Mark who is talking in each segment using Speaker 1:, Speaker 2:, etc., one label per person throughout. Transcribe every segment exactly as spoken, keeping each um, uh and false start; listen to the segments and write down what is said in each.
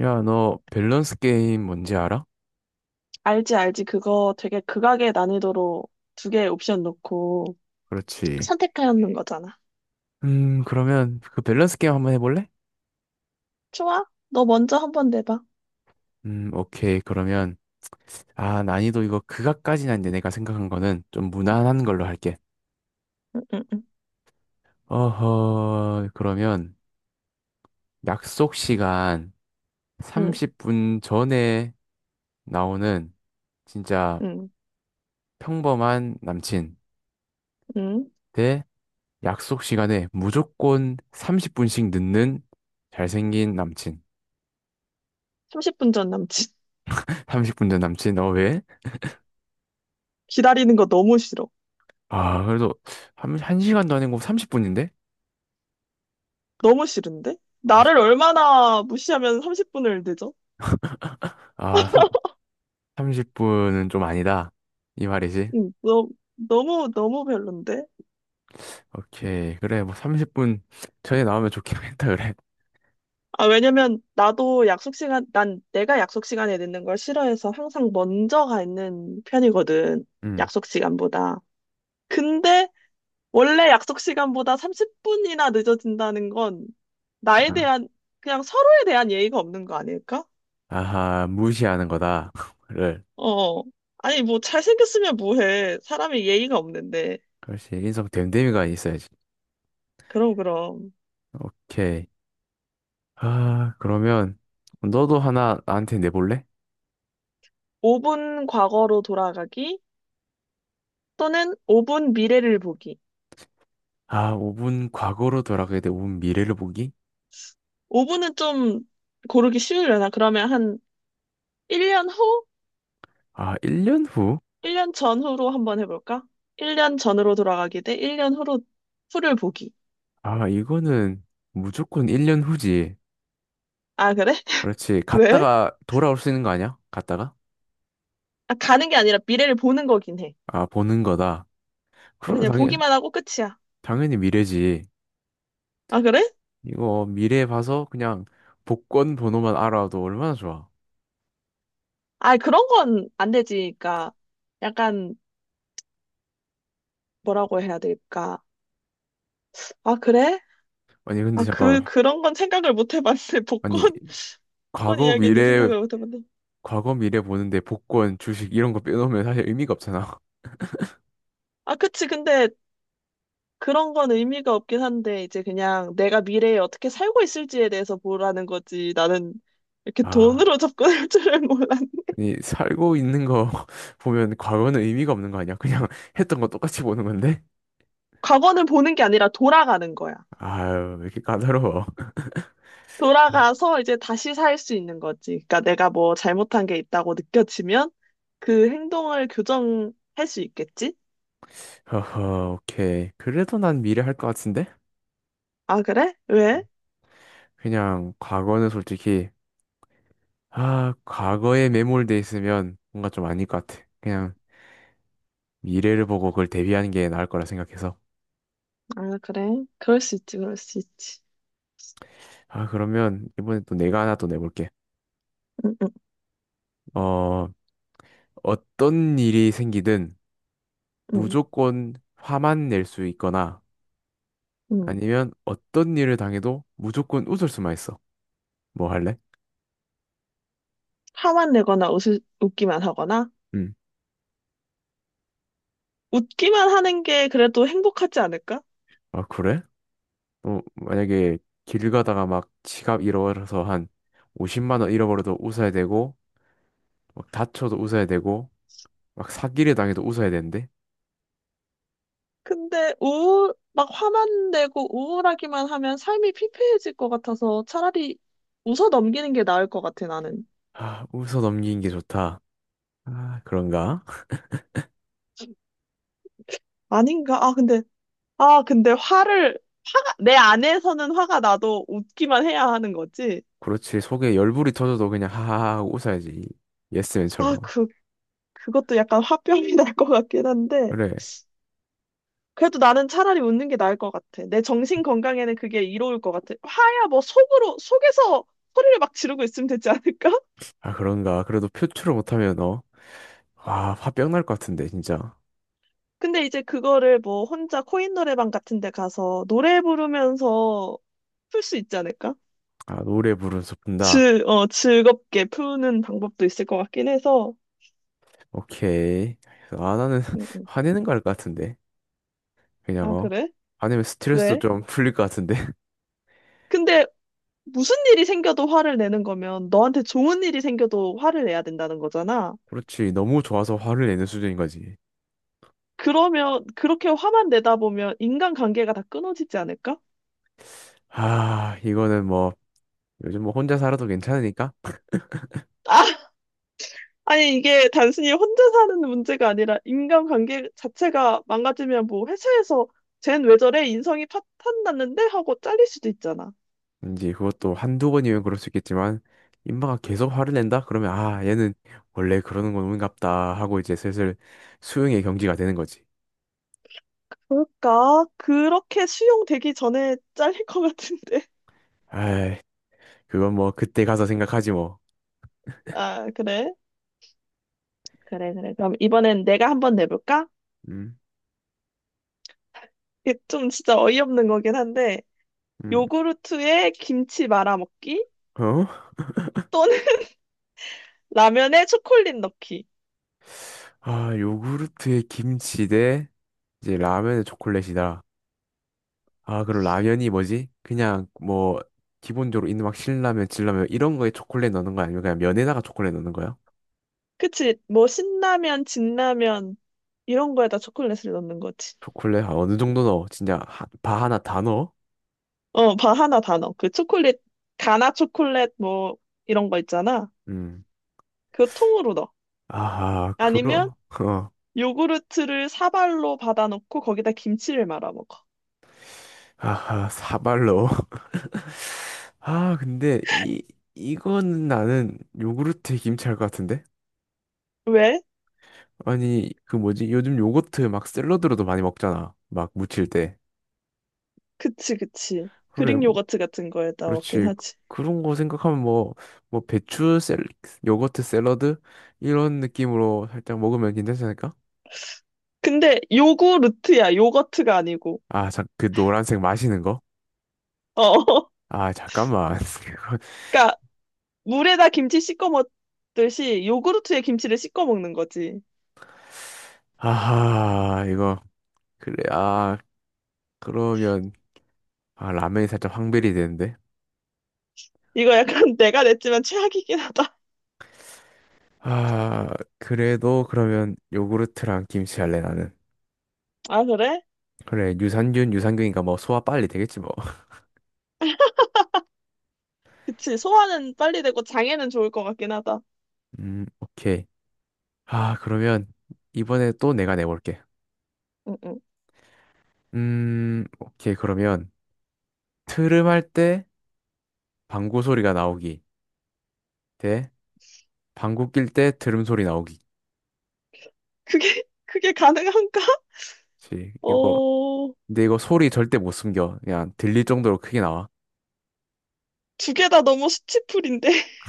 Speaker 1: 야, 너 밸런스 게임 뭔지 알아?
Speaker 2: 알지, 알지. 그거 되게 극악의 난이도로 두 개의 옵션 놓고
Speaker 1: 그렇지.
Speaker 2: 선택하였는 거잖아.
Speaker 1: 음, 그러면 그 밸런스 게임 한번 해볼래?
Speaker 2: 좋아. 너 먼저 한번 내봐.
Speaker 1: 음, 오케이. 그러면, 아, 난이도 이거 그각까지는 아닌데 내가 생각한 거는 좀 무난한 걸로 할게.
Speaker 2: 응, 응, 응,
Speaker 1: 어허, 그러면 약속 시간
Speaker 2: 응,
Speaker 1: 삼십 분 전에 나오는 진짜
Speaker 2: 응,
Speaker 1: 평범한 남친
Speaker 2: 응.
Speaker 1: 대 약속 시간에 무조건 삼십 분씩 늦는 잘생긴 남친.
Speaker 2: 삼십 분 전 남친.
Speaker 1: 삼십 분 전 남친, 어, 왜?
Speaker 2: 기다리는 거 너무 싫어.
Speaker 1: 아, 그래도 한, 한 시간도 아니고 삼십 분인데?
Speaker 2: 너무 싫은데?
Speaker 1: 아, 씨.
Speaker 2: 나를 얼마나 무시하면 삼십 분을 늦어?
Speaker 1: 아, 삼 삼십 분은 좀 아니다. 이 말이지.
Speaker 2: 응, 너, 너무, 너무 별론데?
Speaker 1: 오케이. 그래, 뭐 삼십 분 전에 나오면 좋긴 했다, 그래.
Speaker 2: 아, 왜냐면 나도 약속 시간, 난 내가 약속 시간에 늦는 걸 싫어해서 항상 먼저 가 있는 편이거든.
Speaker 1: 음.
Speaker 2: 약속 시간보다. 근데 원래 약속 시간보다 삼십 분이나 늦어진다는 건 나에
Speaker 1: 아.
Speaker 2: 대한, 그냥 서로에 대한 예의가 없는 거 아닐까?
Speaker 1: 아하, 무시하는 거다. 를.
Speaker 2: 어. 아니, 뭐, 잘생겼으면 뭐해. 사람이 예의가 없는데.
Speaker 1: 그렇지. 인성 됨됨이가 있어야지.
Speaker 2: 그럼, 그럼.
Speaker 1: 오케이. 아, 그러면 너도 하나 나한테 내볼래?
Speaker 2: 오 분 과거로 돌아가기 또는 오 분 미래를 보기.
Speaker 1: 아, 오 분 과거로 돌아가야 돼. 오 분 미래를 보기?
Speaker 2: 오 분은 좀 고르기 쉬우려나? 그러면 한 일 년 후?
Speaker 1: 아, 일 년 후?
Speaker 2: 일 년 전후로 한번 해볼까? 일 년 전으로 돌아가기 대 일 년 후로, 후를 보기.
Speaker 1: 아, 이거는 무조건 일 년 후지.
Speaker 2: 아, 그래?
Speaker 1: 그렇지.
Speaker 2: 왜?
Speaker 1: 갔다가 돌아올 수 있는 거 아니야? 갔다가?
Speaker 2: 아, 가는 게 아니라 미래를 보는 거긴 해.
Speaker 1: 아, 보는 거다.
Speaker 2: 어,
Speaker 1: 그러면
Speaker 2: 그냥
Speaker 1: 당연,
Speaker 2: 보기만 하고 끝이야.
Speaker 1: 당연히 미래지.
Speaker 2: 아, 그래?
Speaker 1: 이거 미래 봐서 그냥 복권 번호만 알아도 얼마나 좋아.
Speaker 2: 아, 그런 건 안 되지. 그러니까 약간 뭐라고 해야 될까? 아, 그래?
Speaker 1: 아니,
Speaker 2: 아,
Speaker 1: 근데
Speaker 2: 그
Speaker 1: 잠깐만.
Speaker 2: 그런 건 생각을 못 해봤네.
Speaker 1: 아니,
Speaker 2: 복권 복권
Speaker 1: 과거
Speaker 2: 이야기는
Speaker 1: 미래,
Speaker 2: 생각을 못 해봤네.
Speaker 1: 과거 미래 보는데 복권, 주식 이런 거 빼놓으면 사실 의미가 없잖아.
Speaker 2: 아, 그치. 근데 그런 건 의미가 없긴 한데 이제 그냥 내가 미래에 어떻게 살고 있을지에 대해서 보라는 거지. 나는 이렇게
Speaker 1: 아,
Speaker 2: 돈으로 접근할 줄을 몰랐.
Speaker 1: 아니, 살고 있는 거 보면 과거는 의미가 없는 거 아니야? 그냥 했던 거 똑같이 보는 건데?
Speaker 2: 과거는 보는 게 아니라 돌아가는 거야.
Speaker 1: 아유, 왜 이렇게 까다로워.
Speaker 2: 돌아가서 이제 다시 살 수 있는 거지. 그러니까 내가 뭐 잘못한 게 있다고 느껴지면 그 행동을 교정할 수 있겠지?
Speaker 1: 허허, 오케이. 그래도 난 미래 할 것 같은데?
Speaker 2: 아, 그래? 왜?
Speaker 1: 그냥 과거는 솔직히 아 과거에 매몰돼 있으면 뭔가 좀 아닐 것 같아. 그냥 미래를 보고 그걸 대비하는 게 나을 거라 생각해서.
Speaker 2: 아, 그래. 그럴 수 있지, 그럴 수 있지.
Speaker 1: 아 그러면 이번에 또 내가 하나 또 내볼게.
Speaker 2: 응, 응,
Speaker 1: 어 어떤 일이 생기든
Speaker 2: 응,
Speaker 1: 무조건 화만 낼 수 있거나
Speaker 2: 응.
Speaker 1: 아니면 어떤 일을 당해도 무조건 웃을 수만 있어. 뭐 할래?
Speaker 2: 화만 내거나 웃 웃기만 하거나?
Speaker 1: 음.
Speaker 2: 웃기만 하는 게 그래도 행복하지 않을까?
Speaker 1: 아 그래? 어 만약에 길 가다가 막 지갑 잃어버려서 한 오십만 원 잃어버려도 웃어야 되고 막 다쳐도 웃어야 되고 막 사기를 당해도 웃어야 되는데?
Speaker 2: 근데 우울, 막 화만 내고 우울하기만 하면 삶이 피폐해질 것 같아서 차라리 웃어 넘기는 게 나을 것 같아, 나는.
Speaker 1: 아, 웃어 넘기는 게 좋다. 아, 그런가?
Speaker 2: 아닌가? 아, 근데, 아, 근데 화를, 화가, 내 안에서는 화가 나도 웃기만 해야 하는 거지?
Speaker 1: 그렇지. 속에 열불이 터져도 그냥 하하하 하고 웃어야지.
Speaker 2: 아,
Speaker 1: 예스맨처럼.
Speaker 2: 그거 그것도 약간 화병이 날 것 같긴 한데,
Speaker 1: 그래.
Speaker 2: 그래도 나는 차라리 웃는 게 나을 것 같아. 내 정신 건강에는 그게 이로울 것 같아. 화야 뭐 속으로, 속에서 소리를 막 지르고 있으면 되지 않을까?
Speaker 1: 아, 그런가? 그래도 표출을 못하면 어? 아, 화병 날 것 같은데, 진짜.
Speaker 2: 근데 이제 그거를 뭐 혼자 코인 노래방 같은 데 가서 노래 부르면서 풀 수 있지 않을까?
Speaker 1: 아, 노래 부르면서 분다.
Speaker 2: 즐, 어, 즐겁게 푸는 방법도 있을 것 같긴 해서.
Speaker 1: 오케이. 아, 나는
Speaker 2: 음, 음.
Speaker 1: 화내는 거 할 것 같은데. 그냥,
Speaker 2: 아,
Speaker 1: 어?
Speaker 2: 그래?
Speaker 1: 화내면 스트레스도
Speaker 2: 왜?
Speaker 1: 좀 풀릴 것 같은데.
Speaker 2: 근데 무슨 일이 생겨도 화를 내는 거면 너한테 좋은 일이 생겨도 화를 내야 된다는 거잖아.
Speaker 1: 그렇지. 너무 좋아서 화를 내는 수준인 거지.
Speaker 2: 그러면 그렇게 화만 내다 보면 인간관계가 다 끊어지지 않을까?
Speaker 1: 아, 이거는 뭐, 요즘 뭐 혼자 살아도 괜찮으니까.
Speaker 2: 아, 아니 이게 단순히 혼자 사는 문제가 아니라 인간관계 자체가 망가지면 뭐 회사에서 쟨 왜 저래? 인성이 파탄 났는데? 하고 잘릴 수도 있잖아.
Speaker 1: 이제 그것도 한두 번이면 그럴 수 있겠지만 인마가 계속 화를 낸다? 그러면 아 얘는 원래 그러는 건 운갑다 하고 이제 슬슬 수용의 경지가 되는 거지.
Speaker 2: 그러니까 그렇게 수용되기 전에 잘릴 것 같은데.
Speaker 1: 아이 그건 뭐 그때 가서 생각하지 뭐.
Speaker 2: 아, 그래? 그래, 그래. 그럼 이번엔 내가 한번 내볼까?
Speaker 1: 음,
Speaker 2: 이게 좀 진짜 어이없는 거긴 한데
Speaker 1: 음,
Speaker 2: 요구르트에 김치 말아 먹기
Speaker 1: 어?
Speaker 2: 또는 라면에 초콜릿 넣기.
Speaker 1: 아 요구르트에 김치 대 이제 라면에 초콜릿이다. 아 그럼 라면이 뭐지? 그냥 뭐 기본적으로 있는 막 신라면, 진라면 이런 거에 초콜릿 넣는 거 아니면 그냥 면에다가 초콜릿 넣는 거야?
Speaker 2: 그치? 뭐 신라면, 진라면 이런 거에다 초콜릿을 넣는 거지.
Speaker 1: 초콜릿 한 어느 정도 넣어? 진짜 하- 바 하나 다 넣어?
Speaker 2: 어, 바 하나 다 넣어. 그 초콜릿, 가나 초콜릿 뭐 이런 거 있잖아.
Speaker 1: 음.
Speaker 2: 그거 통으로 넣어.
Speaker 1: 아하,
Speaker 2: 아니면
Speaker 1: 그러, 어,
Speaker 2: 요구르트를 사발로 받아놓고 거기다 김치를 말아 먹어.
Speaker 1: 아하, 사발로. 아, 근데 이, 이거는 나는 요구르트에 김치할 것 같은데?
Speaker 2: 왜?
Speaker 1: 아니, 그 뭐지? 요즘 요거트 막 샐러드로도 많이 먹잖아. 막 무칠 때.
Speaker 2: 그치, 그치.
Speaker 1: 그래,
Speaker 2: 그릭
Speaker 1: 뭐,
Speaker 2: 요거트 같은 거에다 먹긴
Speaker 1: 그렇지. 그-
Speaker 2: 하지.
Speaker 1: 그런 거 생각하면 뭐, 뭐 배추 샐, 요거트 샐러드? 이런 느낌으로 살짝 먹으면 괜찮지 않을까?
Speaker 2: 근데 요구르트야, 요거트가 아니고.
Speaker 1: 아, 자, 그 노란색 마시는 거?
Speaker 2: 어,
Speaker 1: 아, 잠깐만. 이거-
Speaker 2: 그러니까 물에다 김치 씻어 먹듯이 요구르트에 김치를 씻어 먹는 거지.
Speaker 1: 아하, 이거. 그래, 아, 그러면. 아, 라면이 살짝 황벨이 되는데.
Speaker 2: 이거 약간 내가 냈지만 최악이긴 하다.
Speaker 1: 아, 그래도 그러면 요구르트랑 김치 할래, 나는.
Speaker 2: 아, 그래?
Speaker 1: 그래, 유산균, 유산균이니까 뭐 소화 빨리 되겠지, 뭐.
Speaker 2: 그치. 소화는 빨리 되고 장애는 좋을 것 같긴 하다.
Speaker 1: 음, 오케이. 아, 그러면 이번에 또 내가 내볼게.
Speaker 2: 응, 응.
Speaker 1: 음, 오케이. 그러면 트름 할 때 방구 소리가 나오기 대 방구 낄 때 트름 소리 나오기.
Speaker 2: 그게, 그게 가능한가?
Speaker 1: 그렇지. 이거,
Speaker 2: 어,
Speaker 1: 근데 이거 소리 절대 못 숨겨. 그냥 들릴 정도로 크게 나와.
Speaker 2: 두 개 다 너무 스티플인데.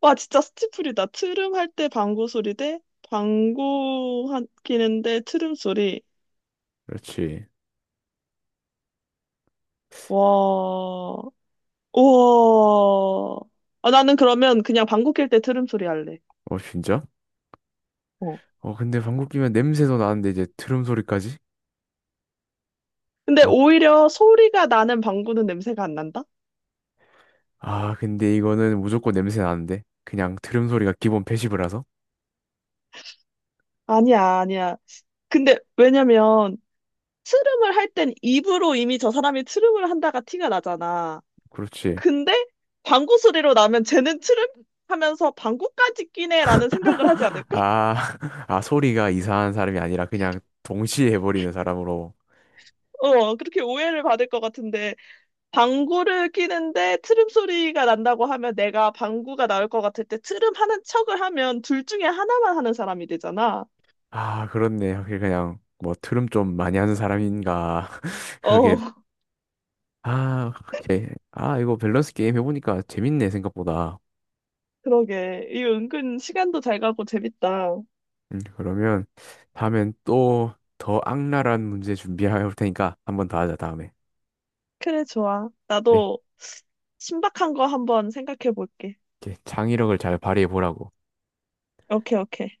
Speaker 2: 와, 진짜 스티플이다. 트름 할 때 방구 소리 대 방구 하- 끼는데 트름 소리.
Speaker 1: 그렇지.
Speaker 2: 와, 우와. 아, 나는 그러면 그냥 방구 낄 때 트름 소리 할래.
Speaker 1: 어, 진짜?
Speaker 2: 어.
Speaker 1: 어, 근데 방구 끼면 냄새도 나는데 이제 트름 소리까지?
Speaker 2: 근데
Speaker 1: 어,
Speaker 2: 오히려 소리가 나는 방구는 냄새가 안 난다?
Speaker 1: 아, 근데 이거는 무조건 냄새 나는데? 그냥 들음 소리가 기본 패시브라서?
Speaker 2: 아니야, 아니야. 근데 왜냐면 트름을 할 땐 입으로 이미 저 사람이 트름을 한다가 티가 나잖아.
Speaker 1: 그렇지.
Speaker 2: 근데 방구 소리로 나면 쟤는 트름 하면서 방구까지 끼네라는 생각을 하지 않을까?
Speaker 1: 아, 아, 소리가 이상한 사람이 아니라 그냥 동시에 해버리는 사람으로.
Speaker 2: 어, 그렇게 오해를 받을 것 같은데 방구를 끼는데 트름 소리가 난다고 하면 내가 방구가 나올 것 같을 때 트름 하는 척을 하면 둘 중에 하나만 하는 사람이 되잖아.
Speaker 1: 아, 그렇네. 확실히 그냥 뭐 트름 좀 많이 하는 사람인가. 그러게.
Speaker 2: 어,
Speaker 1: 아, 이 아, 이거 밸런스 게임 해보니까 재밌네, 생각보다.
Speaker 2: 그러게. 이 은근 시간도 잘 가고 재밌다.
Speaker 1: 음, 그러면 다음엔 또 더 악랄한 문제 준비해 올 테니까 한번 더 하자, 다음에.
Speaker 2: 그래, 좋아.
Speaker 1: 그래.
Speaker 2: 나도 신박한 거 한번 생각해 볼게.
Speaker 1: 이제 창의력을 잘 발휘해 보라고.
Speaker 2: 오케이, 오케이.